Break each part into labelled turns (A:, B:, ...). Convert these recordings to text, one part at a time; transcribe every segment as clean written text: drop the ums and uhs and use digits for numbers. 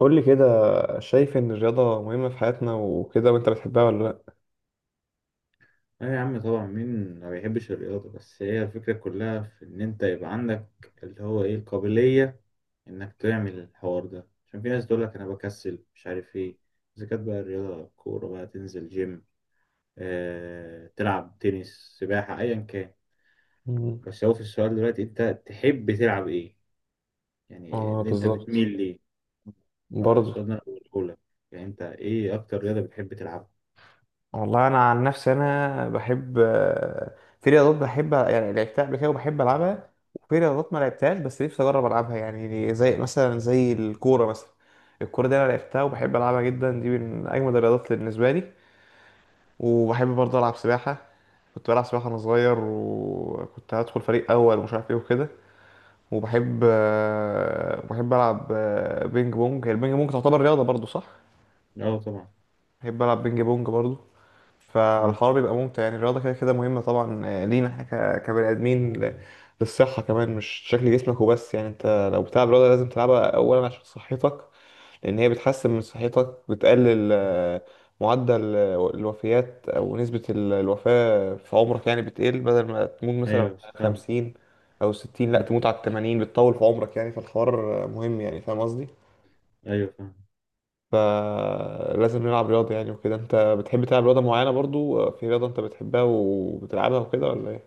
A: قول لي كده. شايف ان الرياضة مهمة في حياتنا وكده، وانت بتحبها ولا لا؟
B: لا يا عم، طبعا. مين ما بيحبش الرياضة؟ بس هي الفكرة كلها في إن أنت يبقى عندك اللي هو إيه القابلية إنك تعمل الحوار ده، عشان في ناس تقولك أنا بكسل مش عارف إيه. إذا كانت بقى الرياضة كورة، بقى تنزل جيم، تلعب تنس، سباحة، أيا كان.
A: مم.
B: بس هو في السؤال دلوقتي أنت تحب تلعب إيه؟ يعني
A: اه
B: اللي أنت بتميل
A: بالظبط.
B: ليه.
A: برضه.
B: فالسؤال ده أنا بقوله لك، يعني أنت إيه أكتر رياضة بتحب تلعبها؟
A: والله انا عن نفسي انا بحب. في رياضات بحب يعني لعبتها قبل كده وبحب العبها، وفي رياضات ما لعبتهاش بس نفسي اجرب العبها، يعني زي مثلا زي الكوره مثلا. الكوره دي انا لعبتها وبحب العبها جدا، دي من اجمد الرياضات بالنسبه لي. وبحب برضه العب سباحه. كنت بلعب سباحه وانا صغير، وكنت هدخل فريق اول ومش عارف ايه وكده. وبحب آه، بحب العب بينج بونج، هي البينج بونج تعتبر رياضه برضو صح؟
B: أه طبعا.
A: بحب العب بينج بونج برضو.
B: مم.
A: فالحوار بيبقى ممتع. يعني الرياضه كده كده مهمه طبعا لينا كبني ادمين للصحه كمان، مش شكل جسمك وبس. يعني انت لو بتلعب رياضه لازم تلعبها اولا عشان صحتك، لأن هي بتحسن من صحتك، بتقلل معدل الوفيات، أو نسبة الوفاة في عمرك يعني بتقل، بدل ما تموت مثلا
B: أيوه،
A: على
B: فاهم.
A: 50 أو 60، لأ
B: مم.
A: تموت على الـ80، بتطول في عمرك يعني. فالحوار مهم. يعني فاهم قصدي؟
B: أيوه، فاهم.
A: فلازم نلعب رياضة يعني وكده. أنت بتحب تلعب رياضة معينة برضو؟ في رياضة أنت بتحبها وبتلعبها وكده ولا إيه؟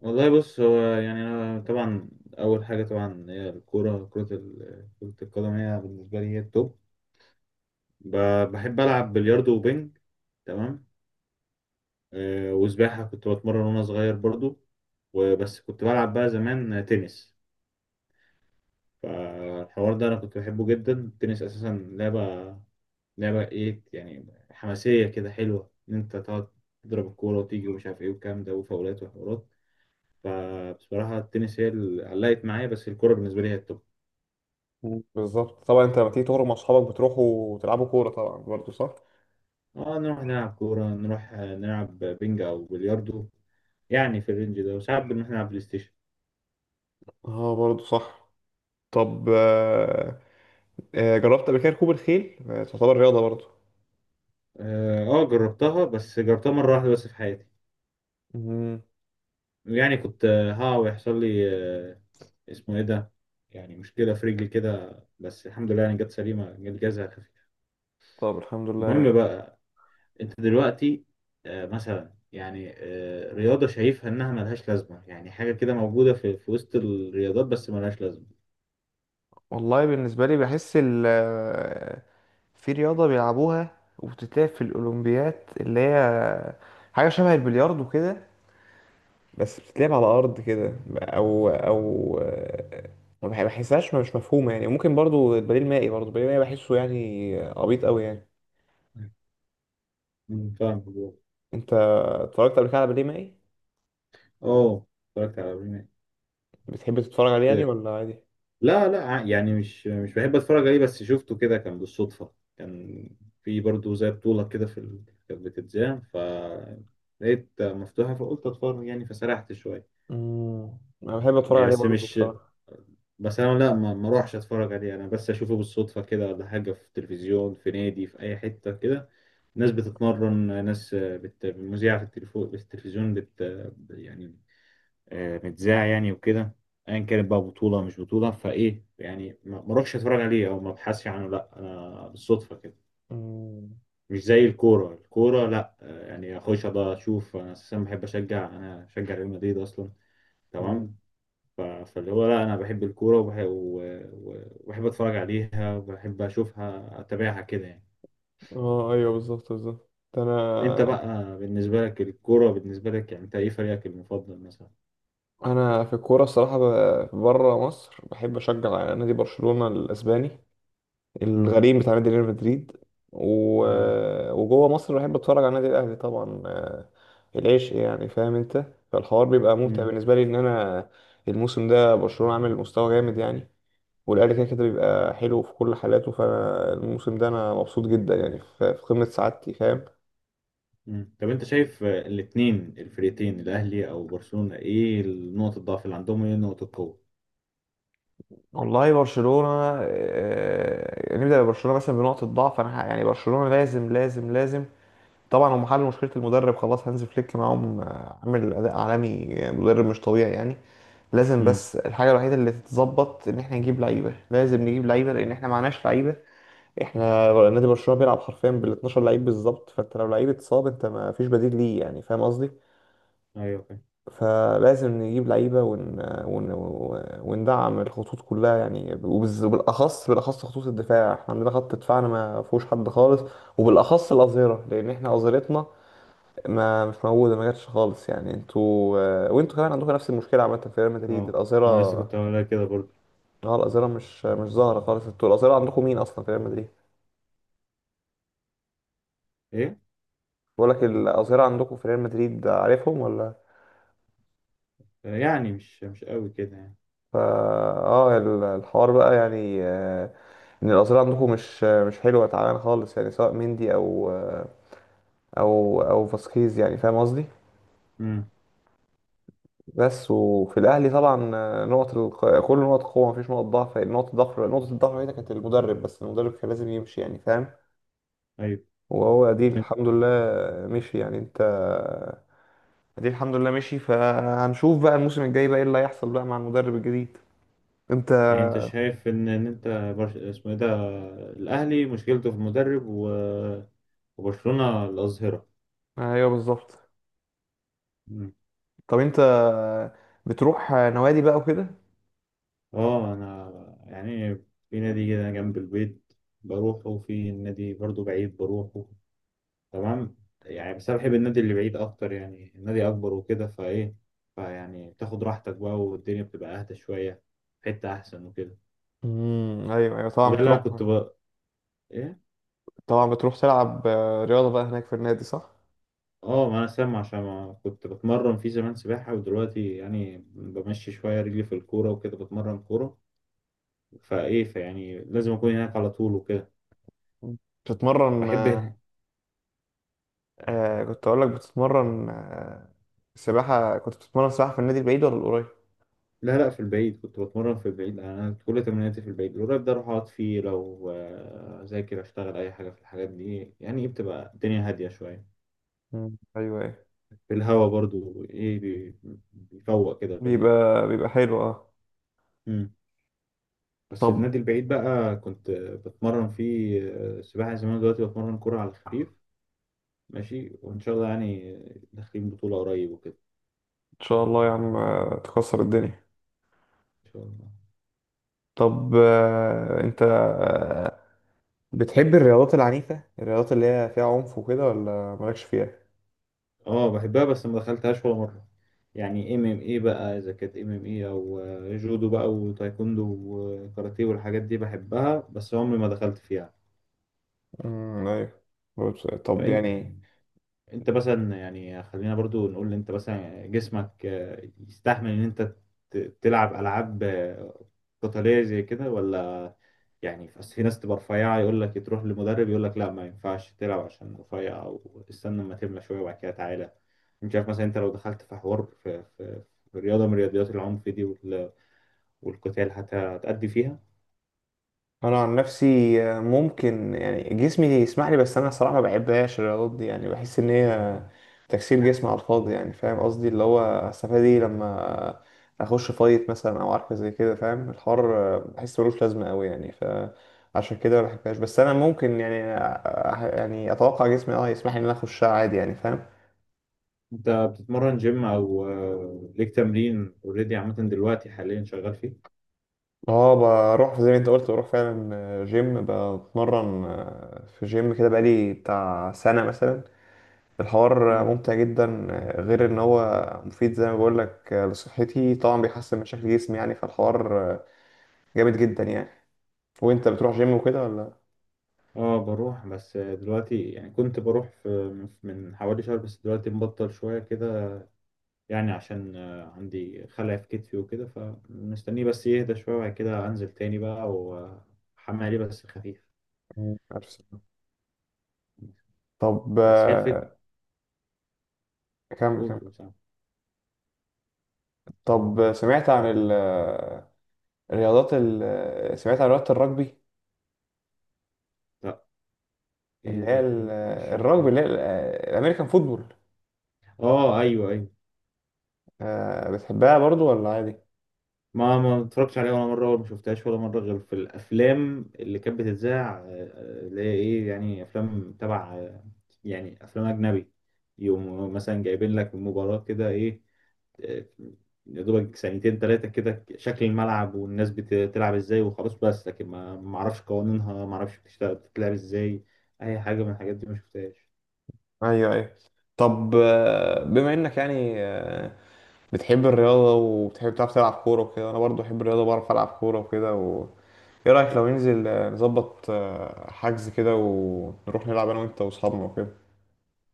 B: والله بص، هو يعني أنا طبعا أول حاجة طبعا هي الكورة. كرة القدم هي بالنسبة لي هي التوب. بحب ألعب بلياردو وبينج. تمام. وسباحة كنت بتمرن وأنا صغير برضو. وبس كنت بلعب بقى زمان تنس. فالحوار ده أنا كنت بحبه جدا، التنس أساسا. لعبة لعبة إيه، يعني حماسية كده، حلوة إن أنت تقعد تضرب الكورة وتيجي ومش عارف إيه والكلام ده، وفاولات وحوارات. فبصراحة، التنس هي اللي علقت معايا، بس الكورة بالنسبة لي هي التوب.
A: مم. بالظبط طبعا. أنت لما تيجي تخرج مع أصحابك بتروحوا تلعبوا كورة طبعا برضو صح؟
B: اه، نروح نلعب كورة، نروح نلعب بينج أو بلياردو، يعني في الرينج ده، وساعات بنروح نلعب بلاي ستيشن.
A: اه برضو صح. طب جربت قبل كده ركوب الخيل؟ تعتبر رياضة برضو.
B: اه، جربتها، بس جربتها مرة واحدة بس في حياتي.
A: مم.
B: يعني كنت، ها، ويحصل لي، آه، اسمه ايه ده، يعني مشكلة في رجلي كده. بس الحمد لله يعني جت سليمة، جت جازها خفيف.
A: طب الحمد لله يعني.
B: المهم بقى، انت دلوقتي مثلا يعني رياضة شايفها انها ملهاش لازمة، يعني حاجة كده موجودة في وسط الرياضات بس ملهاش لازمة.
A: والله بالنسبة لي بحس في رياضة بيلعبوها وبتتلعب في الأولمبيات، اللي هي حاجة شبه البلياردو كده، بس بتتلعب على أرض كده، أو ما بح- بحسهاش، مش مفهومة يعني. ممكن برضو البديل المائي، برضو البديل المائي بحسه يعني عبيط أوي يعني.
B: فاهم.
A: أنت اتفرجت قبل كده على بديل مائي؟
B: اه، اتفرجت على برنامج.
A: بتحب تتفرج عليه يعني ولا عادي؟
B: لا، لا، يعني مش بحب اتفرج عليه، بس شفته كده كان بالصدفة. كان في برضه زي بطولة كده كانت بتتذاع، فلقيت مفتوحة فقلت اتفرج يعني، فسرحت شوية.
A: مم. أنا بحب أتفرج
B: يعني
A: عليه
B: بس
A: برضو
B: مش.
A: بصراحة.
B: بس انا لا، ما اروحش اتفرج عليه، انا بس اشوفه بالصدفة كده، ولا حاجة في التلفزيون، في نادي، في اي حتة كده. ناس بتتمرن، في التلفزيون يعني متذاع يعني وكده. ايا كانت بقى بطوله مش بطوله فايه يعني، ما اروحش اتفرج عليه او ما ابحثش عنه، لا انا بالصدفه كده.
A: مم.
B: مش زي الكوره. الكوره لا، يعني اخش بقى اشوف. انا اساسا بحب اشجع، انا بشجع ريال مدريد اصلا.
A: مم.
B: تمام. فاللي هو لا، انا بحب الكوره، وبحب اتفرج عليها، وبحب اشوفها، اتابعها كده يعني.
A: اه ايوه بالظبط بالظبط.
B: انت
A: انا
B: بقى، بالنسبه لك الكوره، بالنسبه لك يعني انت ايه فريقك المفضل مثلا؟
A: في الكوره الصراحه بره مصر بحب اشجع نادي برشلونه الاسباني،
B: امم
A: الغريم بتاع نادي ريال مدريد. و...
B: ايوه.
A: وجوه مصر بحب اتفرج على النادي الاهلي طبعا العشق يعني، فاهم انت؟ فالحوار بيبقى ممتع بالنسبه لي ان انا الموسم ده برشلونه عامل مستوى جامد يعني. والاهلي كده كده بيبقى حلو في كل حالاته، فانا الموسم ده انا مبسوط جدا يعني، في قمه سعادتي فاهم؟
B: مم. طب انت شايف الاتنين الفريقين، الاهلي او برشلونة، ايه نقطة الضعف اللي عندهم وايه نقطة القوة؟
A: والله برشلونة يعني نبدأ ببرشلونة مثلا بنقطة ضعف. أنا يعني برشلونة لازم لازم لازم. طبعا هم حلوا مشكلة المدرب خلاص، هانز فليك معاهم عامل أداء عالمي، مدرب مش طبيعي يعني. لازم،
B: امم
A: بس الحاجة الوحيدة اللي تتظبط إن إحنا نجيب لعيبة، لازم نجيب لعيبة لأن إحنا معناش لعيبة. إحنا نادي برشلونة بيلعب حرفيا بال 12 لعيب بالظبط، فأنت لو لعيب اتصاب أنت ما فيش بديل ليه يعني، فاهم قصدي؟
B: ايوه، فاهم.
A: فلازم نجيب لعيبة ون... وندعم الخطوط كلها يعني، وبالأخص خطوط الدفاع. احنا عندنا خط دفاعنا ما فيهوش حد خالص، وبالأخص الأظهرة، لأن احنا أظهرتنا ما مش موجودة، ما جاتش خالص يعني. انتوا وانتوا كمان عندكم نفس المشكلة عامة في ريال مدريد،
B: اه، انا لسه
A: الأظهرة.
B: كنت هقولها كده برضو.
A: اه الأظهرة مش ظاهرة خالص، انتوا الأظهرة عندكم مين أصلا في ريال مدريد؟
B: ايه؟
A: بقول لك الأظهرة عندكم في ريال مدريد عارفهم ولا؟
B: يعني مش قوي كده يعني.
A: فا اه الحوار بقى يعني ان الاظهره عندكم مش حلوه، تعبان خالص يعني، سواء مندي او او فاسكيز، يعني فاهم قصدي.
B: امم
A: بس. وفي الاهلي طبعا كل نقط قوه، مفيش نقط ضعف. نقطه الضعف هنا كانت المدرب، بس المدرب كان لازم يمشي يعني، فاهم.
B: ايوه.
A: وهو دي
B: طب انت-
A: الحمد لله مشي يعني. انت دي الحمد لله مشي، فهنشوف بقى الموسم الجاي بقى ايه اللي هيحصل بقى مع المدرب الجديد. انت
B: يعني انت شايف ان انت اسمه ايه ده، الاهلي مشكلته في المدرب، وبرشلونة الأظهرة.
A: ايوه بالظبط.
B: مم.
A: طب انت بتروح نوادي بقى وكده؟
B: اه، انا يعني في نادي كده جنب البيت بروحه، وفي نادي برضو بعيد بروحه. تمام. يعني بس انا بحب النادي اللي بعيد اكتر، يعني النادي اكبر وكده فايه، فيعني بتاخد راحتك بقى والدنيا بتبقى اهدى شويه، في حته احسن وكده.
A: ايوه ايوه،
B: وده اللي انا كنت ايه،
A: طبعا بتروح تلعب رياضه بقى هناك في النادي صح؟
B: اه، ما انا سامع، عشان ما كنت بتمرن في زمان سباحه، ودلوقتي يعني بمشي شويه رجلي في الكوره وكده، بتمرن كوره فايه، فيعني لازم اكون هناك على طول وكده.
A: بتتمرن
B: بحب
A: كنت اقول لك بتتمرن سباحه. كنت بتتمرن سباحه في النادي البعيد ولا القريب؟
B: لا، لا، في البعيد كنت بتمرن، في البعيد يعني. انا كل تمريناتي في البعيد، القريب ده اروح اقعد فيه لو اذاكر اشتغل اي حاجه في الحاجات دي، يعني إيه، بتبقى الدنيا هاديه شويه،
A: ايوه ايوه.
B: في الهوا برضو ايه، بيفوق كده البني ادم.
A: بيبقى حلو اه.
B: مم. بس
A: طب
B: النادي البعيد بقى كنت بتمرن فيه سباحه زمان، دلوقتي بتمرن كوره على الخفيف، ماشي وان شاء الله يعني، داخلين بطوله قريب وكده.
A: ان شاء الله يا عم تكسر الدنيا.
B: ان شاء الله.
A: طب انت بتحب الرياضات العنيفه، الرياضات اللي هي فيها عنف وكده ولا مالكش فيها؟
B: اه، بحبها بس ما دخلتهاش ولا مرة. يعني MMA بقى، اذا كانت MMA او جودو بقى وتايكوندو وكاراتيه والحاجات دي بحبها، بس عمري ما دخلت فيها.
A: ايوه. طب
B: فإن-
A: يعني
B: انت مثلا يعني، خلينا برضو نقول، انت مثلا جسمك يستحمل ان انت تلعب العاب قتالية زي كده ولا؟ يعني بس في ناس تبقى رفيعة، يقول لك تروح لمدرب يقول لك لا، ما ينفعش تلعب عشان رفيع، أو استنى أما تملى شوية وبعد كده تعالى. مش عارف مثلا، أنت لو دخلت في حوار في رياضة من رياضيات العنف دي، والقتال، هتأدي فيها؟
A: انا عن نفسي ممكن يعني جسمي يسمح لي، بس انا الصراحه ما بحبهاش الرياضات دي، يعني بحس ان هي تكسير جسم على الفاضي، يعني فاهم قصدي، اللي هو استفاد ايه لما اخش فايت مثلا او عارفه زي كده، فاهم الحوار؟ بحس ملوش لازمه قوي يعني، فعشان كده ما بحبهاش. بس انا ممكن يعني يعني اتوقع جسمي اه يسمح لي ان انا اخشها عادي، يعني فاهم.
B: أنت بتتمرن جيم أو ليك تمرين أوريدي عامة دلوقتي حاليا شغال فيه؟
A: اه بروح زي ما انت قلت، بروح فعلا جيم، بتمرن في جيم كده بقالي بتاع سنه مثلا. الحوار
B: مم.
A: ممتع جدا غير ان هو مفيد زي ما بقول لك لصحتي، طبعا بيحسن من شكل جسمي يعني، فالحوار جامد جدا يعني. وانت بتروح جيم وكده ولا؟
B: اه، بروح بس دلوقتي يعني كنت بروح في، من حوالي شهر، بس دلوقتي مبطل شوية كده، يعني عشان عندي خلع في كتفي وكده، فمستنيه بس يهدى شوية وبعد كده أنزل تاني بقى وأحمل عليه بس خفيف.
A: مم. عارف سمع. طب
B: بس هي الفكرة.
A: كمل
B: قول
A: كمل.
B: قول، سامع.
A: طب الرياضات ال- سمعت عن رياضة الرجبي،
B: لا، إيه
A: اللي هي
B: رد ممكن
A: الرجبي
B: يشرحها.
A: اللي هي الامريكان فوتبول.
B: آه أيوه أيوه.
A: بتحبها برضو ولا عادي؟
B: ما اتفرجتش عليها ولا مرة، ولا ما شفتهاش ولا مرة، غير في الأفلام اللي كانت بتتذاع اللي هي إيه، يعني أفلام تبع يعني أفلام أجنبي، يقوموا مثلا جايبين لك مباراة كده، إيه، آه، يا دوبك ثانيتين تلاتة كده، شكل الملعب والناس بتلعب ازاي، وخلاص. بس لكن ما اعرفش قوانينها، ما اعرفش بتشتغل بتتلعب ازاي. اي حاجة من الحاجات دي ما شفتهاش.
A: ايوه ايوه. طب بما انك يعني بتحب الرياضة وبتحب تعرف تلعب كورة وكده، أنا برضو بحب الرياضة، بعرف ألعب كورة وكده. إيه رأيك لو ننزل نظبط حجز كده، ونروح نلعب أنا وأنت وأصحابنا وكده؟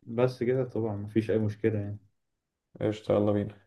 B: بس كده طبعا ما فيش اي مشكلة يعني.
A: قشطة، يلا بينا.